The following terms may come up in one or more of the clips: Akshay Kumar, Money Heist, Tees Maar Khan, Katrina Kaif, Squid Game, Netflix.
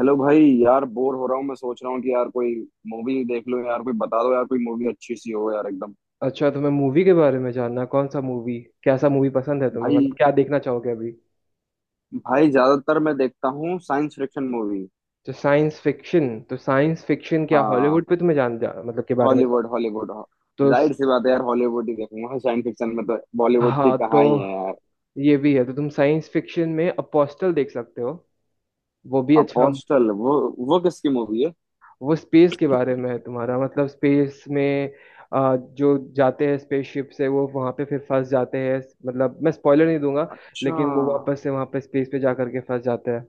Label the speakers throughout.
Speaker 1: Hello भाई। यार bore हो रहा हूँ। मैं सोच रहा हूँ कि यार कोई मूवी देख लो। यार कोई बता दो, यार कोई मूवी अच्छी सी हो यार, एकदम।
Speaker 2: अच्छा, तुम्हें मूवी के बारे में जानना है। कौन सा मूवी, कैसा मूवी पसंद है तुम्हें?
Speaker 1: भाई,
Speaker 2: मतलब क्या देखना चाहोगे अभी?
Speaker 1: भाई, ज्यादातर मैं देखता हूँ साइंस फिक्शन मूवी।
Speaker 2: तो साइंस फिक्शन क्या, हॉलीवुड
Speaker 1: हाँ,
Speaker 2: पे तुम्हें मतलब के बारे में जान।
Speaker 1: Hollywood Hollywood.
Speaker 2: तो स-
Speaker 1: जाहिर सी बात है यार, हॉलीवुड ही देखूंगा, साइंस फिक्शन में तो बॉलीवुड की
Speaker 2: हाँ तो,
Speaker 1: कहाँ ही है।
Speaker 2: ये भी है। तो तुम साइंस फिक्शन में अपोस्टल देख सकते हो। वो भी अच्छा।
Speaker 1: अपोस्टल, वो किसकी मूवी है?
Speaker 2: वो स्पेस के बारे में है। तुम्हारा मतलब, स्पेस में जो जाते हैं स्पेसशिप से, वो वहां पे फिर फंस जाते हैं। मतलब, मैं स्पॉइलर नहीं दूंगा,
Speaker 1: अच्छा।
Speaker 2: लेकिन वो वापस से वहां पे स्पेस पे जा करके फंस जाते हैं।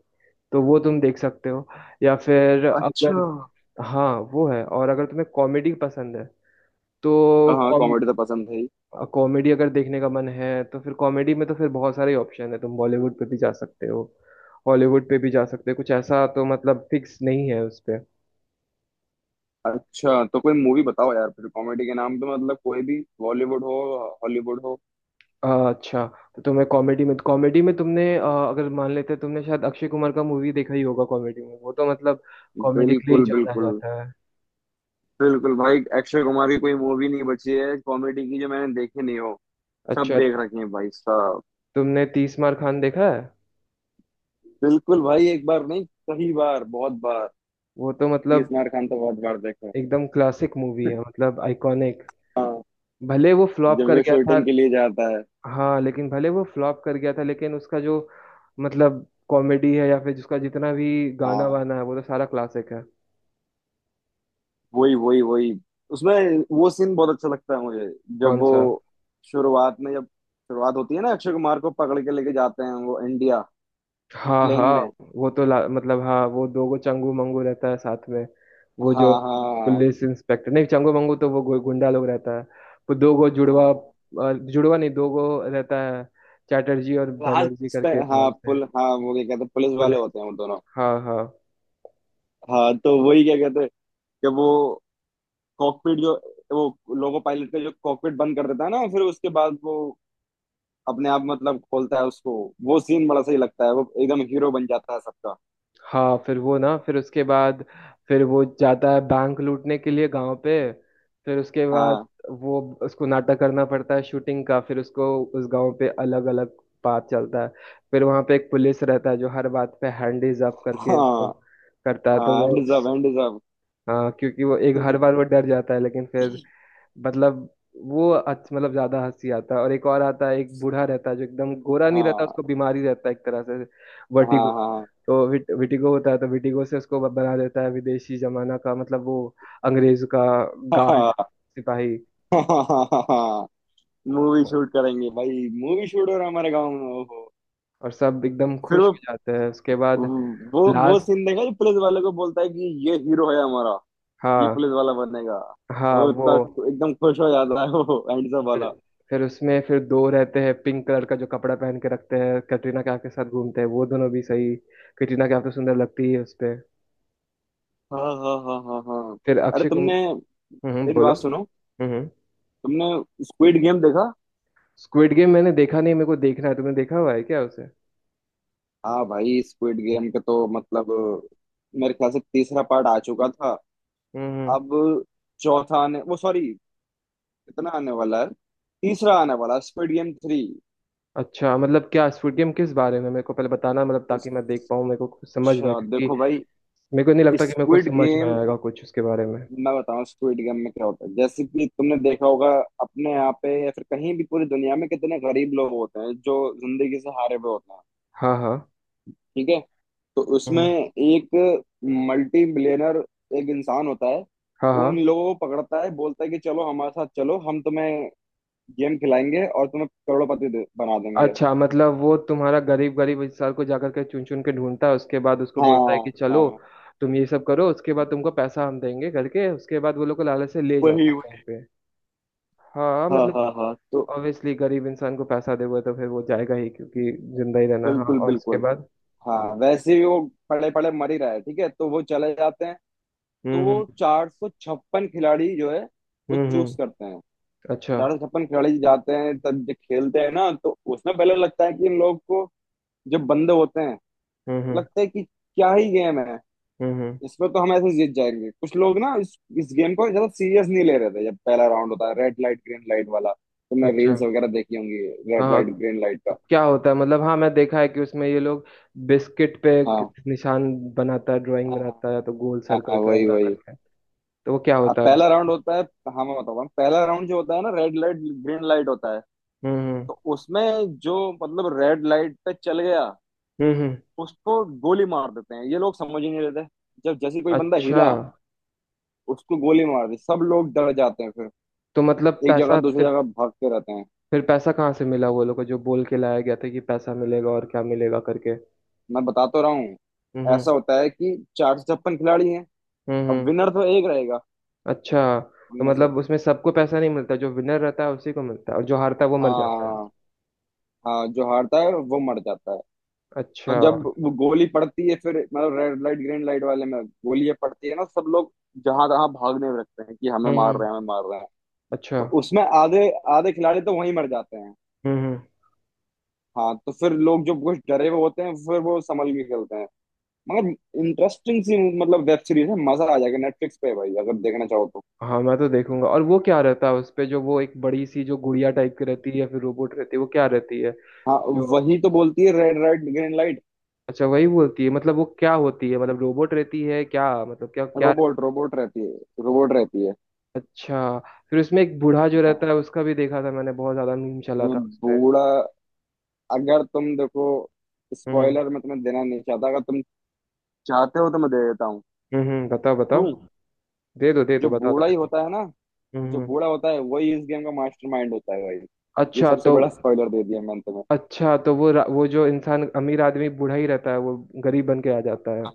Speaker 2: तो वो तुम देख सकते हो। या फिर अगर,
Speaker 1: अच्छा।
Speaker 2: हाँ, वो है। और अगर तुम्हें कॉमेडी पसंद है तो,
Speaker 1: हाँ
Speaker 2: कॉम
Speaker 1: कॉमेडी तो पसंद है ही।
Speaker 2: कॉमेडी अगर देखने का मन है तो फिर कॉमेडी में तो फिर बहुत सारे ऑप्शन है। तुम बॉलीवुड पे भी जा सकते हो, हॉलीवुड पे भी जा सकते हो। कुछ ऐसा तो मतलब फिक्स नहीं है उस पे।
Speaker 1: अच्छा तो कोई मूवी बताओ यार फिर, कॉमेडी के नाम पे मतलब, कोई भी, बॉलीवुड हो हॉलीवुड हो।
Speaker 2: अच्छा। तो तुम्हें कॉमेडी में, तुमने अगर मान लेते हैं, तुमने शायद अक्षय कुमार का मूवी देखा ही होगा। कॉमेडी में वो तो मतलब कॉमेडी के लिए ही
Speaker 1: बिल्कुल
Speaker 2: जाना
Speaker 1: बिल्कुल।
Speaker 2: जाता है।
Speaker 1: बिल्कुल भाई, अक्षय कुमार की कोई मूवी नहीं बची है कॉमेडी की जो मैंने देखी नहीं हो। सब
Speaker 2: अच्छा,
Speaker 1: देख रखी है भाई साहब।
Speaker 2: तुमने तीस मार खान देखा है?
Speaker 1: बिल्कुल भाई, एक बार नहीं, कई बार, बहुत बार।
Speaker 2: वो तो
Speaker 1: तीस
Speaker 2: मतलब
Speaker 1: मार खान तो बहुत बार देखे हैं।
Speaker 2: एकदम क्लासिक मूवी है, मतलब आइकॉनिक।
Speaker 1: हाँ
Speaker 2: भले वो फ्लॉप
Speaker 1: जब
Speaker 2: कर
Speaker 1: वो
Speaker 2: गया था।
Speaker 1: शूटिंग के लिए जाता है।
Speaker 2: हाँ, लेकिन भले वो फ्लॉप कर गया था, लेकिन उसका जो मतलब कॉमेडी है या फिर जिसका जितना भी गाना
Speaker 1: हाँ,
Speaker 2: वाना है, वो तो सारा क्लासिक है।
Speaker 1: वही वही वही उसमें, वो सीन बहुत अच्छा लगता है मुझे जब
Speaker 2: कौन
Speaker 1: वो
Speaker 2: सा?
Speaker 1: शुरुआत में, जब शुरुआत होती है ना अक्षय कुमार को पकड़ के लेके जाते हैं वो इंडिया,
Speaker 2: हाँ
Speaker 1: प्लेन
Speaker 2: हाँ।
Speaker 1: में।
Speaker 2: वो तो मतलब हाँ, वो दो गो चंगू मंगू रहता है साथ में। वो
Speaker 1: हाँ
Speaker 2: जो
Speaker 1: हाँ।
Speaker 2: पुलिस इंस्पेक्टर, नहीं चंगू मंगू तो वो गुंडा लोग रहता है। वो दो गो जुड़वा, जुड़वा नहीं, दो गो रहता है चैटर्जी और
Speaker 1: हाँ, हाँ
Speaker 2: बनर्जी
Speaker 1: पुल
Speaker 2: करके नाम
Speaker 1: हाँ
Speaker 2: से।
Speaker 1: हाँ, वो क्या कहते हैं, पुलिस वाले
Speaker 2: पुलिस,
Speaker 1: होते हैं वो दोनों।
Speaker 2: हाँ हाँ।
Speaker 1: हाँ तो वही क्या कहते हैं, कि वो कॉकपिट जो, वो लोको पायलट का जो कॉकपिट बंद कर देता है ना, फिर उसके बाद वो अपने आप मतलब खोलता है उसको। वो सीन बड़ा सही लगता है, वो एकदम हीरो बन जाता है सबका।
Speaker 2: हाँ फिर वो ना, फिर उसके बाद फिर वो जाता है बैंक लूटने के लिए गांव पे। फिर उसके बाद
Speaker 1: हाँ
Speaker 2: वो, उसको नाटक करना पड़ता है शूटिंग का। फिर उसको उस गांव पे अलग अलग बात चलता है। फिर वहां पे एक पुलिस रहता है जो हर बात पे हैंडीज अप करके उसको
Speaker 1: हाँ
Speaker 2: करता है, तो
Speaker 1: हाँ,
Speaker 2: वो,
Speaker 1: एंड सब, एंड सब।
Speaker 2: हाँ, क्योंकि वो एक, हर बार वो डर जाता है लेकिन फिर, मतलब, वो अच्छा, मतलब ज्यादा हंसी आता है। और एक और आता है, एक बूढ़ा रहता है जो एकदम गोरा नहीं रहता,
Speaker 1: हाँ
Speaker 2: उसको बीमारी रहता है एक तरह से,
Speaker 1: हाँ
Speaker 2: वर्टिगो।
Speaker 1: हाँ
Speaker 2: तो विटिगो होता है। तो विटिगो से उसको बना देता है विदेशी जमाना का, मतलब वो अंग्रेज का गार्ड, सिपाही।
Speaker 1: हाँ। मूवी शूट करेंगे भाई, मूवी शूट हो रहा है हमारे गांव में, ओहो।
Speaker 2: और सब एकदम
Speaker 1: फिर
Speaker 2: खुश हो जाते हैं उसके बाद।
Speaker 1: वो
Speaker 2: लास्ट,
Speaker 1: सीन देखा जो पुलिस वाले को बोलता है कि ये हीरो है हमारा, ये
Speaker 2: हाँ
Speaker 1: पुलिस वाला बनेगा।
Speaker 2: हाँ,
Speaker 1: वो
Speaker 2: वो,
Speaker 1: इतना एकदम खुश हो जाता है वो एंड सब वाला।
Speaker 2: फिर उसमें फिर दो रहते हैं पिंक कलर का जो कपड़ा पहन के रखते हैं, कटरीना कैफ के साथ घूमते हैं, वो दोनों भी सही। कटरीना कैफ तो सुंदर लगती है उस पे।
Speaker 1: हाँ हाँ हाँ हाँ हाँ।
Speaker 2: फिर
Speaker 1: अरे
Speaker 2: अक्षय
Speaker 1: तुमने,
Speaker 2: कुमार,
Speaker 1: मेरी
Speaker 2: बोलो।
Speaker 1: बात सुनो,
Speaker 2: हम्म।
Speaker 1: तुमने स्क्विड गेम देखा?
Speaker 2: स्क्विड गेम मैंने देखा नहीं, मेरे को देखना है। तुमने देखा हुआ है क्या उसे?
Speaker 1: हाँ भाई, स्क्विड गेम का तो मतलब, मेरे ख्याल से तीसरा पार्ट आ चुका था।
Speaker 2: हम्म हम्म।
Speaker 1: अब चौथा आने, वो सॉरी, कितना आने वाला है, तीसरा आने वाला स्क्विड गेम थ्री।
Speaker 2: अच्छा, मतलब क्या स्quid गेम किस बारे में, मेरे को पहले बताना मतलब, ताकि मैं
Speaker 1: अच्छा।
Speaker 2: देख पाऊँ, मेरे को कुछ समझ में, क्योंकि
Speaker 1: देखो भाई,
Speaker 2: मेरे को नहीं लगता कि मेरे को
Speaker 1: स्क्विड
Speaker 2: समझ में
Speaker 1: गेम,
Speaker 2: आएगा कुछ उसके बारे में।
Speaker 1: मैं बताऊं स्क्विड गेम में क्या होता है। जैसे कि तुमने देखा होगा अपने यहाँ पे या फिर कहीं भी पूरी दुनिया में कितने गरीब लोग होते हैं जो जिंदगी से हारे हुए होते हैं।
Speaker 2: हाँ हाँ।
Speaker 1: ठीक है। तो उसमें
Speaker 2: हम्म,
Speaker 1: एक मल्टी बिलियनर, एक इंसान होता है।
Speaker 2: हाँ
Speaker 1: वो
Speaker 2: हाँ।
Speaker 1: उन लोगों को पकड़ता है, बोलता है कि चलो हमारे साथ चलो, हम तुम्हें गेम खिलाएंगे और तुम्हें करोड़पति बना देंगे।
Speaker 2: अच्छा, मतलब वो तुम्हारा गरीब गरीब इंसान को जाकर के चुन चुन के ढूंढता है उसके बाद उसको बोलता है
Speaker 1: हाँ
Speaker 2: कि चलो
Speaker 1: हाँ,
Speaker 2: तुम ये सब करो उसके बाद तुमको पैसा हम देंगे करके, उसके बाद वो लोग को लालच से ले जाता
Speaker 1: वही
Speaker 2: है कहीं
Speaker 1: वही।
Speaker 2: पे। हाँ,
Speaker 1: हाँ
Speaker 2: मतलब
Speaker 1: हाँ हाँ तो,
Speaker 2: ऑब्वियसली गरीब इंसान को पैसा दोगे तो फिर वो जाएगा ही, क्योंकि जिंदा ही रहना। हाँ,
Speaker 1: बिल्कुल
Speaker 2: और उसके
Speaker 1: बिल्कुल।
Speaker 2: बाद?
Speaker 1: हाँ वैसे ही वो पड़े पड़े मर ही रहा है। ठीक है, तो वो चले जाते हैं। तो
Speaker 2: हम्म
Speaker 1: वो
Speaker 2: हम्म
Speaker 1: 456 खिलाड़ी जो है, वो
Speaker 2: हम्म
Speaker 1: चूज
Speaker 2: हम्म,
Speaker 1: करते हैं।
Speaker 2: अच्छा।
Speaker 1: 456 खिलाड़ी जाते हैं तब, जब खेलते हैं ना तो उसमें पहले लगता है कि इन लोग को, जब बंदे होते हैं
Speaker 2: हम्म
Speaker 1: तो
Speaker 2: हम्म
Speaker 1: लगता है कि क्या ही गेम है,
Speaker 2: हम्म हम्म,
Speaker 1: इसमें तो हम ऐसे जीत जाएंगे। कुछ लोग ना इस गेम को ज्यादा सीरियस नहीं ले रहे थे जब पहला राउंड होता है, रेड लाइट ग्रीन लाइट वाला। तुमने
Speaker 2: अच्छा।
Speaker 1: रील्स वगैरह देखी होंगी रेड
Speaker 2: हाँ
Speaker 1: लाइट ग्रीन लाइट
Speaker 2: तो
Speaker 1: का।
Speaker 2: क्या होता है मतलब? हाँ, मैं देखा है कि उसमें ये लोग बिस्किट पे एक
Speaker 1: हाँ।
Speaker 2: निशान बनाता है, ड्राइंग
Speaker 1: हाँ हाँ
Speaker 2: बनाता है तो, गोल,
Speaker 1: हाँ
Speaker 2: सर्कल,
Speaker 1: हाँ, वही
Speaker 2: ट्रायंगल
Speaker 1: वही।
Speaker 2: करके। तो वो क्या
Speaker 1: अब
Speaker 2: होता है?
Speaker 1: पहला राउंड होता है। हाँ मैं बताऊँ, पहला राउंड जो होता है ना रेड लाइट ग्रीन लाइट होता है।
Speaker 2: हम्म हम्म
Speaker 1: तो उसमें जो मतलब रेड लाइट पे चल गया,
Speaker 2: हम्म हम्म,
Speaker 1: उसको गोली मार देते हैं। ये लोग समझ ही नहीं लेते, जब जैसे कोई बंदा
Speaker 2: अच्छा।
Speaker 1: हिला उसको गोली मार दी। सब लोग डर जाते हैं, फिर
Speaker 2: तो मतलब
Speaker 1: एक जगह
Speaker 2: पैसा
Speaker 1: दूसरी
Speaker 2: फिर
Speaker 1: जगह भागते रहते हैं।
Speaker 2: फिर पैसा कहाँ से मिला वो लोग को जो बोल के लाया गया था कि पैसा मिलेगा और क्या मिलेगा करके?
Speaker 1: मैं बता तो रहा हूँ।
Speaker 2: हम्म हम्म
Speaker 1: ऐसा होता है कि 456 खिलाड़ी हैं,
Speaker 2: हम्म
Speaker 1: अब
Speaker 2: हम्म,
Speaker 1: विनर तो एक रहेगा
Speaker 2: अच्छा। तो
Speaker 1: उनमें से।
Speaker 2: मतलब उसमें सबको पैसा नहीं मिलता, जो विनर रहता है उसी को मिलता है, और जो हारता है वो मर जाता है।
Speaker 1: हाँ, हाँ जो हारता है वो मर जाता है। तो
Speaker 2: अच्छा,
Speaker 1: जब वो गोली पड़ती है फिर, मतलब रेड लाइट ग्रीन लाइट वाले में गोली पड़ती है ना, सब लोग जहां तहां भागने लगते हैं कि हमें मार
Speaker 2: हम्म,
Speaker 1: रहे हैं, हमें मार रहे हैं।
Speaker 2: अच्छा,
Speaker 1: तो उसमें आधे, आधे खिलाड़ी तो वहीं मर जाते हैं।
Speaker 2: हम्म।
Speaker 1: हाँ तो फिर लोग जो कुछ डरे हुए होते हैं फिर वो संभल के खेलते हैं। मगर इंटरेस्टिंग सी मतलब वेब सीरीज है, मजा आ जाएगा। नेटफ्लिक्स पे है भाई, अगर देखना चाहो तो।
Speaker 2: हाँ, मैं तो देखूंगा। और वो क्या रहता है उस पे जो, वो एक बड़ी सी जो गुड़िया टाइप की रहती है या फिर रोबोट रहती है, वो क्या रहती है
Speaker 1: हाँ,
Speaker 2: जो,
Speaker 1: वही तो बोलती है रेड लाइट ग्रीन लाइट।
Speaker 2: अच्छा, वही बोलती है? मतलब वो क्या होती है, मतलब रोबोट रहती है क्या, मतलब क्या क्या?
Speaker 1: रोबोट, रोबोट रहती है, रोबोट रहती है।
Speaker 2: अच्छा। फिर उसमें एक बूढ़ा जो रहता
Speaker 1: हाँ,
Speaker 2: है उसका भी देखा था मैंने, बहुत ज्यादा मीम चला
Speaker 1: वो
Speaker 2: था उस पे।
Speaker 1: बूढ़ा, अगर तुम देखो,
Speaker 2: हम्म
Speaker 1: स्पॉइलर मैं तुम्हें देना नहीं चाहता, अगर तुम चाहते हो तो मैं दे देता हूँ,
Speaker 2: बताओ बताओ।
Speaker 1: दूं?
Speaker 2: दे
Speaker 1: जो
Speaker 2: दो बता दो
Speaker 1: बूढ़ा ही
Speaker 2: मेरे को।
Speaker 1: होता है ना, जो
Speaker 2: हम्म
Speaker 1: बूढ़ा
Speaker 2: हम्म।
Speaker 1: होता है वही इस गेम का मास्टरमाइंड होता है भाई। ये
Speaker 2: अच्छा
Speaker 1: सबसे
Speaker 2: तो
Speaker 1: बड़ा स्पॉइलर दे दिया मैंने तुम्हें।
Speaker 2: अच्छा तो वो वो जो इंसान, अमीर आदमी बूढ़ा ही रहता है वो गरीब बन के आ जाता है।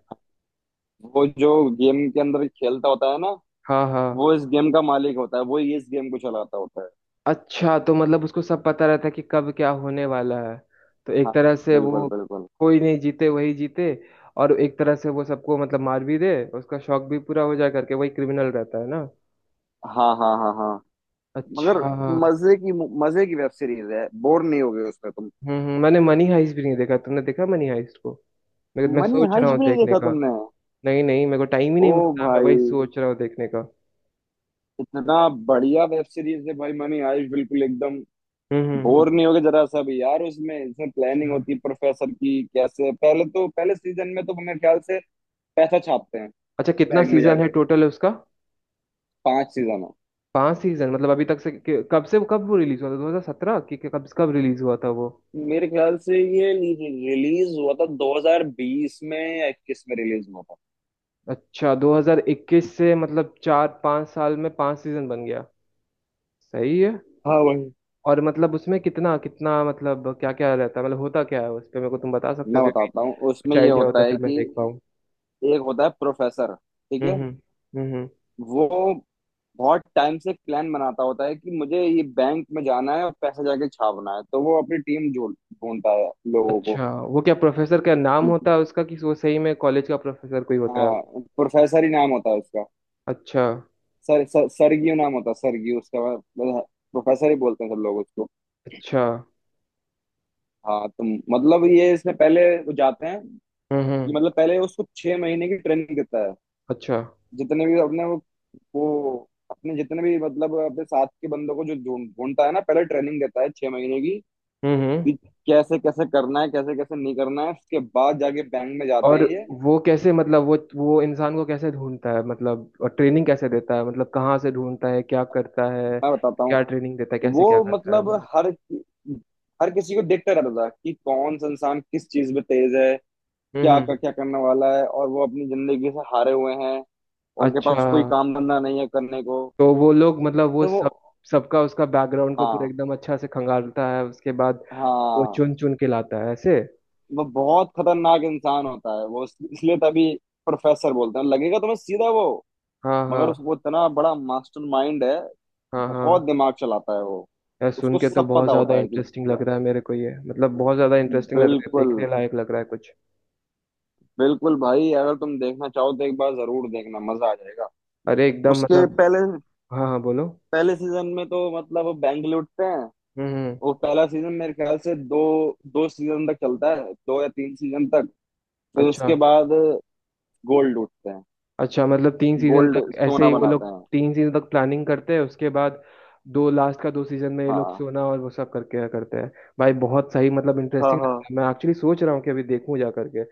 Speaker 1: वो जो गेम के अंदर खेलता होता है ना,
Speaker 2: हाँ हाँ,
Speaker 1: वो इस गेम का मालिक होता है, वो ही इस गेम को चलाता होता है।
Speaker 2: अच्छा। तो मतलब उसको सब पता रहता है कि कब क्या होने वाला है, तो एक
Speaker 1: हाँ,
Speaker 2: तरह से
Speaker 1: बिल्कुल
Speaker 2: वो,
Speaker 1: बिल्कुल।
Speaker 2: कोई नहीं जीते, वही जीते। और एक तरह से वो सबको मतलब मार भी दे, उसका शौक भी पूरा हो जाए करके, वही क्रिमिनल रहता है ना।
Speaker 1: हाँ हाँ हाँ हाँ।
Speaker 2: अच्छा,
Speaker 1: मगर मजे की, मजे की वेब सीरीज है, बोर नहीं होगे उसमें तुम।
Speaker 2: हम्म। मैंने मनी हाइस्ट भी नहीं देखा, तुमने देखा मनी हाइस्ट को? मैं
Speaker 1: मनी
Speaker 2: सोच रहा
Speaker 1: हाइश
Speaker 2: हूँ
Speaker 1: भी नहीं
Speaker 2: देखने
Speaker 1: देखा
Speaker 2: का।
Speaker 1: तुमने?
Speaker 2: नहीं नहीं, मेरे को टाइम ही
Speaker 1: ओ
Speaker 2: नहीं मिलता। मैं वही
Speaker 1: भाई,
Speaker 2: सोच रहा हूँ देखने का।
Speaker 1: इतना बढ़िया वेब सीरीज है भाई मनी हाइश, बिल्कुल एकदम। बोर
Speaker 2: हम्म,
Speaker 1: नहीं होगे जरा सा भी यार उसमें, इसमें प्लानिंग
Speaker 2: अच्छा।
Speaker 1: होती है प्रोफेसर की, कैसे पहले तो, पहले सीजन में तो मेरे ख्याल से पैसा छापते हैं,
Speaker 2: अच्छा, कितना
Speaker 1: बैग में
Speaker 2: सीजन है
Speaker 1: जाके।
Speaker 2: टोटल है उसका?
Speaker 1: 5 सीजन है।
Speaker 2: पांच सीजन मतलब अभी तक से, कब से कब वो रिलीज हुआ था, 2017 कब कब रिलीज हुआ था वो?
Speaker 1: मेरे ख्याल से ये रिलीज हुआ था 2020 में या 21 में रिलीज हुआ था।
Speaker 2: अच्छा, 2021 से, मतलब चार पांच साल में पांच सीजन बन गया, सही है।
Speaker 1: हाँ, वही।
Speaker 2: और मतलब उसमें कितना कितना, मतलब क्या क्या रहता है, मतलब होता क्या है उस पे, मेरे को तुम बता सकते हो,
Speaker 1: मैं
Speaker 2: क्योंकि
Speaker 1: बताता हूँ
Speaker 2: कुछ
Speaker 1: उसमें ये
Speaker 2: आइडिया होता
Speaker 1: होता है
Speaker 2: फिर मैं
Speaker 1: कि
Speaker 2: देख पाऊँ।
Speaker 1: एक होता है प्रोफेसर। ठीक
Speaker 2: हम्म
Speaker 1: है,
Speaker 2: हम्म हम्म हम्म।
Speaker 1: वो बहुत टाइम से प्लान बनाता होता है कि मुझे ये बैंक में जाना है और पैसे जाके छापना है, तो वो अपनी टीम ढूंढता है लोगों को,
Speaker 2: अच्छा, वो क्या प्रोफेसर का नाम
Speaker 1: कि,
Speaker 2: होता है उसका कि वो सही में कॉलेज का प्रोफेसर कोई होता है?
Speaker 1: हाँ प्रोफेसर ही नाम होता है उसका।
Speaker 2: अच्छा।
Speaker 1: सर, सर सरगियो नाम होता है, सरगियो उसका मतलब, प्रोफेसर ही बोलते हैं सब लोग उसको।
Speaker 2: अच्छा
Speaker 1: हाँ, तो मतलब ये इसमें पहले वो जाते हैं,
Speaker 2: हम्म,
Speaker 1: ये मतलब पहले उसको 6 महीने की ट्रेनिंग देता है।
Speaker 2: अच्छा
Speaker 1: जितने भी अपने वो अपने जितने भी मतलब अपने साथ के बंदों को जो ढूंढ ढूंढता है ना, पहले ट्रेनिंग देता है 6 महीने की,
Speaker 2: हम्म।
Speaker 1: कि कैसे कैसे करना है, कैसे कैसे नहीं करना है, उसके बाद जाके बैंक में जाते
Speaker 2: और
Speaker 1: हैं ये।
Speaker 2: वो कैसे, मतलब वो इंसान को कैसे ढूंढता है मतलब, और ट्रेनिंग कैसे देता है मतलब, कहाँ से ढूंढता है, क्या करता है,
Speaker 1: मैं बताता हूँ।
Speaker 2: क्या ट्रेनिंग देता है, कैसे
Speaker 1: वो
Speaker 2: क्या करता है वो
Speaker 1: मतलब
Speaker 2: लोग।
Speaker 1: हर हर किसी को देखता रहता था कि कौन सा इंसान किस चीज में तेज है,
Speaker 2: हम्म
Speaker 1: क्या
Speaker 2: हम्म।
Speaker 1: क्या करने वाला है। और वो अपनी जिंदगी से हारे हुए हैं, उनके
Speaker 2: अच्छा
Speaker 1: पास कोई काम धंधा नहीं है करने को,
Speaker 2: तो वो लोग, मतलब वो
Speaker 1: तो वो,
Speaker 2: सब, सबका उसका बैकग्राउंड को पूरा
Speaker 1: हाँ
Speaker 2: एकदम अच्छा से खंगालता है, उसके बाद वो
Speaker 1: हाँ।
Speaker 2: चुन चुन के लाता है ऐसे।
Speaker 1: वो बहुत खतरनाक इंसान होता है वो, इसलिए तभी प्रोफेसर बोलते हैं, लगेगा तुम्हें सीधा वो,
Speaker 2: हाँ
Speaker 1: मगर
Speaker 2: हाँ
Speaker 1: उसको, इतना बड़ा मास्टर माइंड है,
Speaker 2: हाँ हाँ।
Speaker 1: बहुत दिमाग चलाता है वो,
Speaker 2: यार, सुन
Speaker 1: उसको
Speaker 2: के तो
Speaker 1: सब
Speaker 2: बहुत
Speaker 1: पता
Speaker 2: ज्यादा
Speaker 1: होता है कि
Speaker 2: इंटरेस्टिंग
Speaker 1: क्या।
Speaker 2: लग रहा है मेरे को ये, मतलब बहुत ज्यादा इंटरेस्टिंग लग रहा है,
Speaker 1: बिल्कुल
Speaker 2: देखने लायक लग रहा है कुछ।
Speaker 1: बिल्कुल भाई, अगर तुम देखना चाहो तो एक बार जरूर देखना, मजा आ जाएगा।
Speaker 2: अरे एकदम
Speaker 1: उसके
Speaker 2: मतलब,
Speaker 1: पहले,
Speaker 2: हाँ हाँ बोलो।
Speaker 1: पहले सीजन में तो मतलब वो बैंक लूटते हैं।
Speaker 2: हम्म हम्म।
Speaker 1: वो पहला सीजन मेरे ख्याल से दो, दो सीजन तक चलता है, दो या तीन सीजन तक, फिर
Speaker 2: अच्छा,
Speaker 1: उसके बाद गोल्ड लूटते हैं,
Speaker 2: अच्छा, मतलब तीन सीजन
Speaker 1: गोल्ड
Speaker 2: तक ऐसे
Speaker 1: सोना
Speaker 2: ही वो
Speaker 1: बनाते
Speaker 2: लोग
Speaker 1: हैं।
Speaker 2: तीन सीजन तक प्लानिंग करते हैं उसके बाद, दो लास्ट का दो सीजन में ये लोग
Speaker 1: हाँ
Speaker 2: सोना और वो सब करके करते हैं। भाई बहुत सही, मतलब
Speaker 1: हाँ
Speaker 2: इंटरेस्टिंग
Speaker 1: हाँ।
Speaker 2: लगता है। मैं एक्चुअली सोच रहा हूँ कि अभी देखूँ जा करके।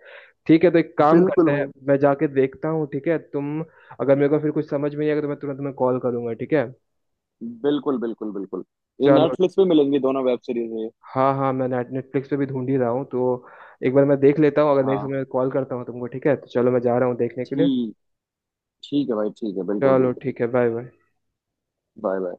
Speaker 2: ठीक है, तो एक काम
Speaker 1: बिल्कुल
Speaker 2: करते हैं,
Speaker 1: भाई।
Speaker 2: मैं जाके देखता हूँ। ठीक है तुम, अगर मेरे को फिर कुछ समझ में नहीं आएगा तो मैं तुरंत तुम्हें कॉल करूंगा, ठीक है?
Speaker 1: बिल्कुल बिल्कुल बिल्कुल। ये
Speaker 2: चलो।
Speaker 1: नेटफ्लिक्स पे मिलेंगी दोनों वेब सीरीज ये।
Speaker 2: हाँ हाँ, मैं नेटफ्लिक्स पे भी ढूंढ ही रहा हूँ तो, एक बार मैं देख लेता हूँ, अगर नहीं
Speaker 1: हाँ
Speaker 2: समय कॉल करता हूँ तुमको, ठीक है? तो चलो, मैं जा रहा हूँ देखने के लिए।
Speaker 1: ठीक, ठीक है भाई, ठीक है, बिल्कुल
Speaker 2: चलो
Speaker 1: बिल्कुल।
Speaker 2: ठीक है, बाय बाय।
Speaker 1: बाय।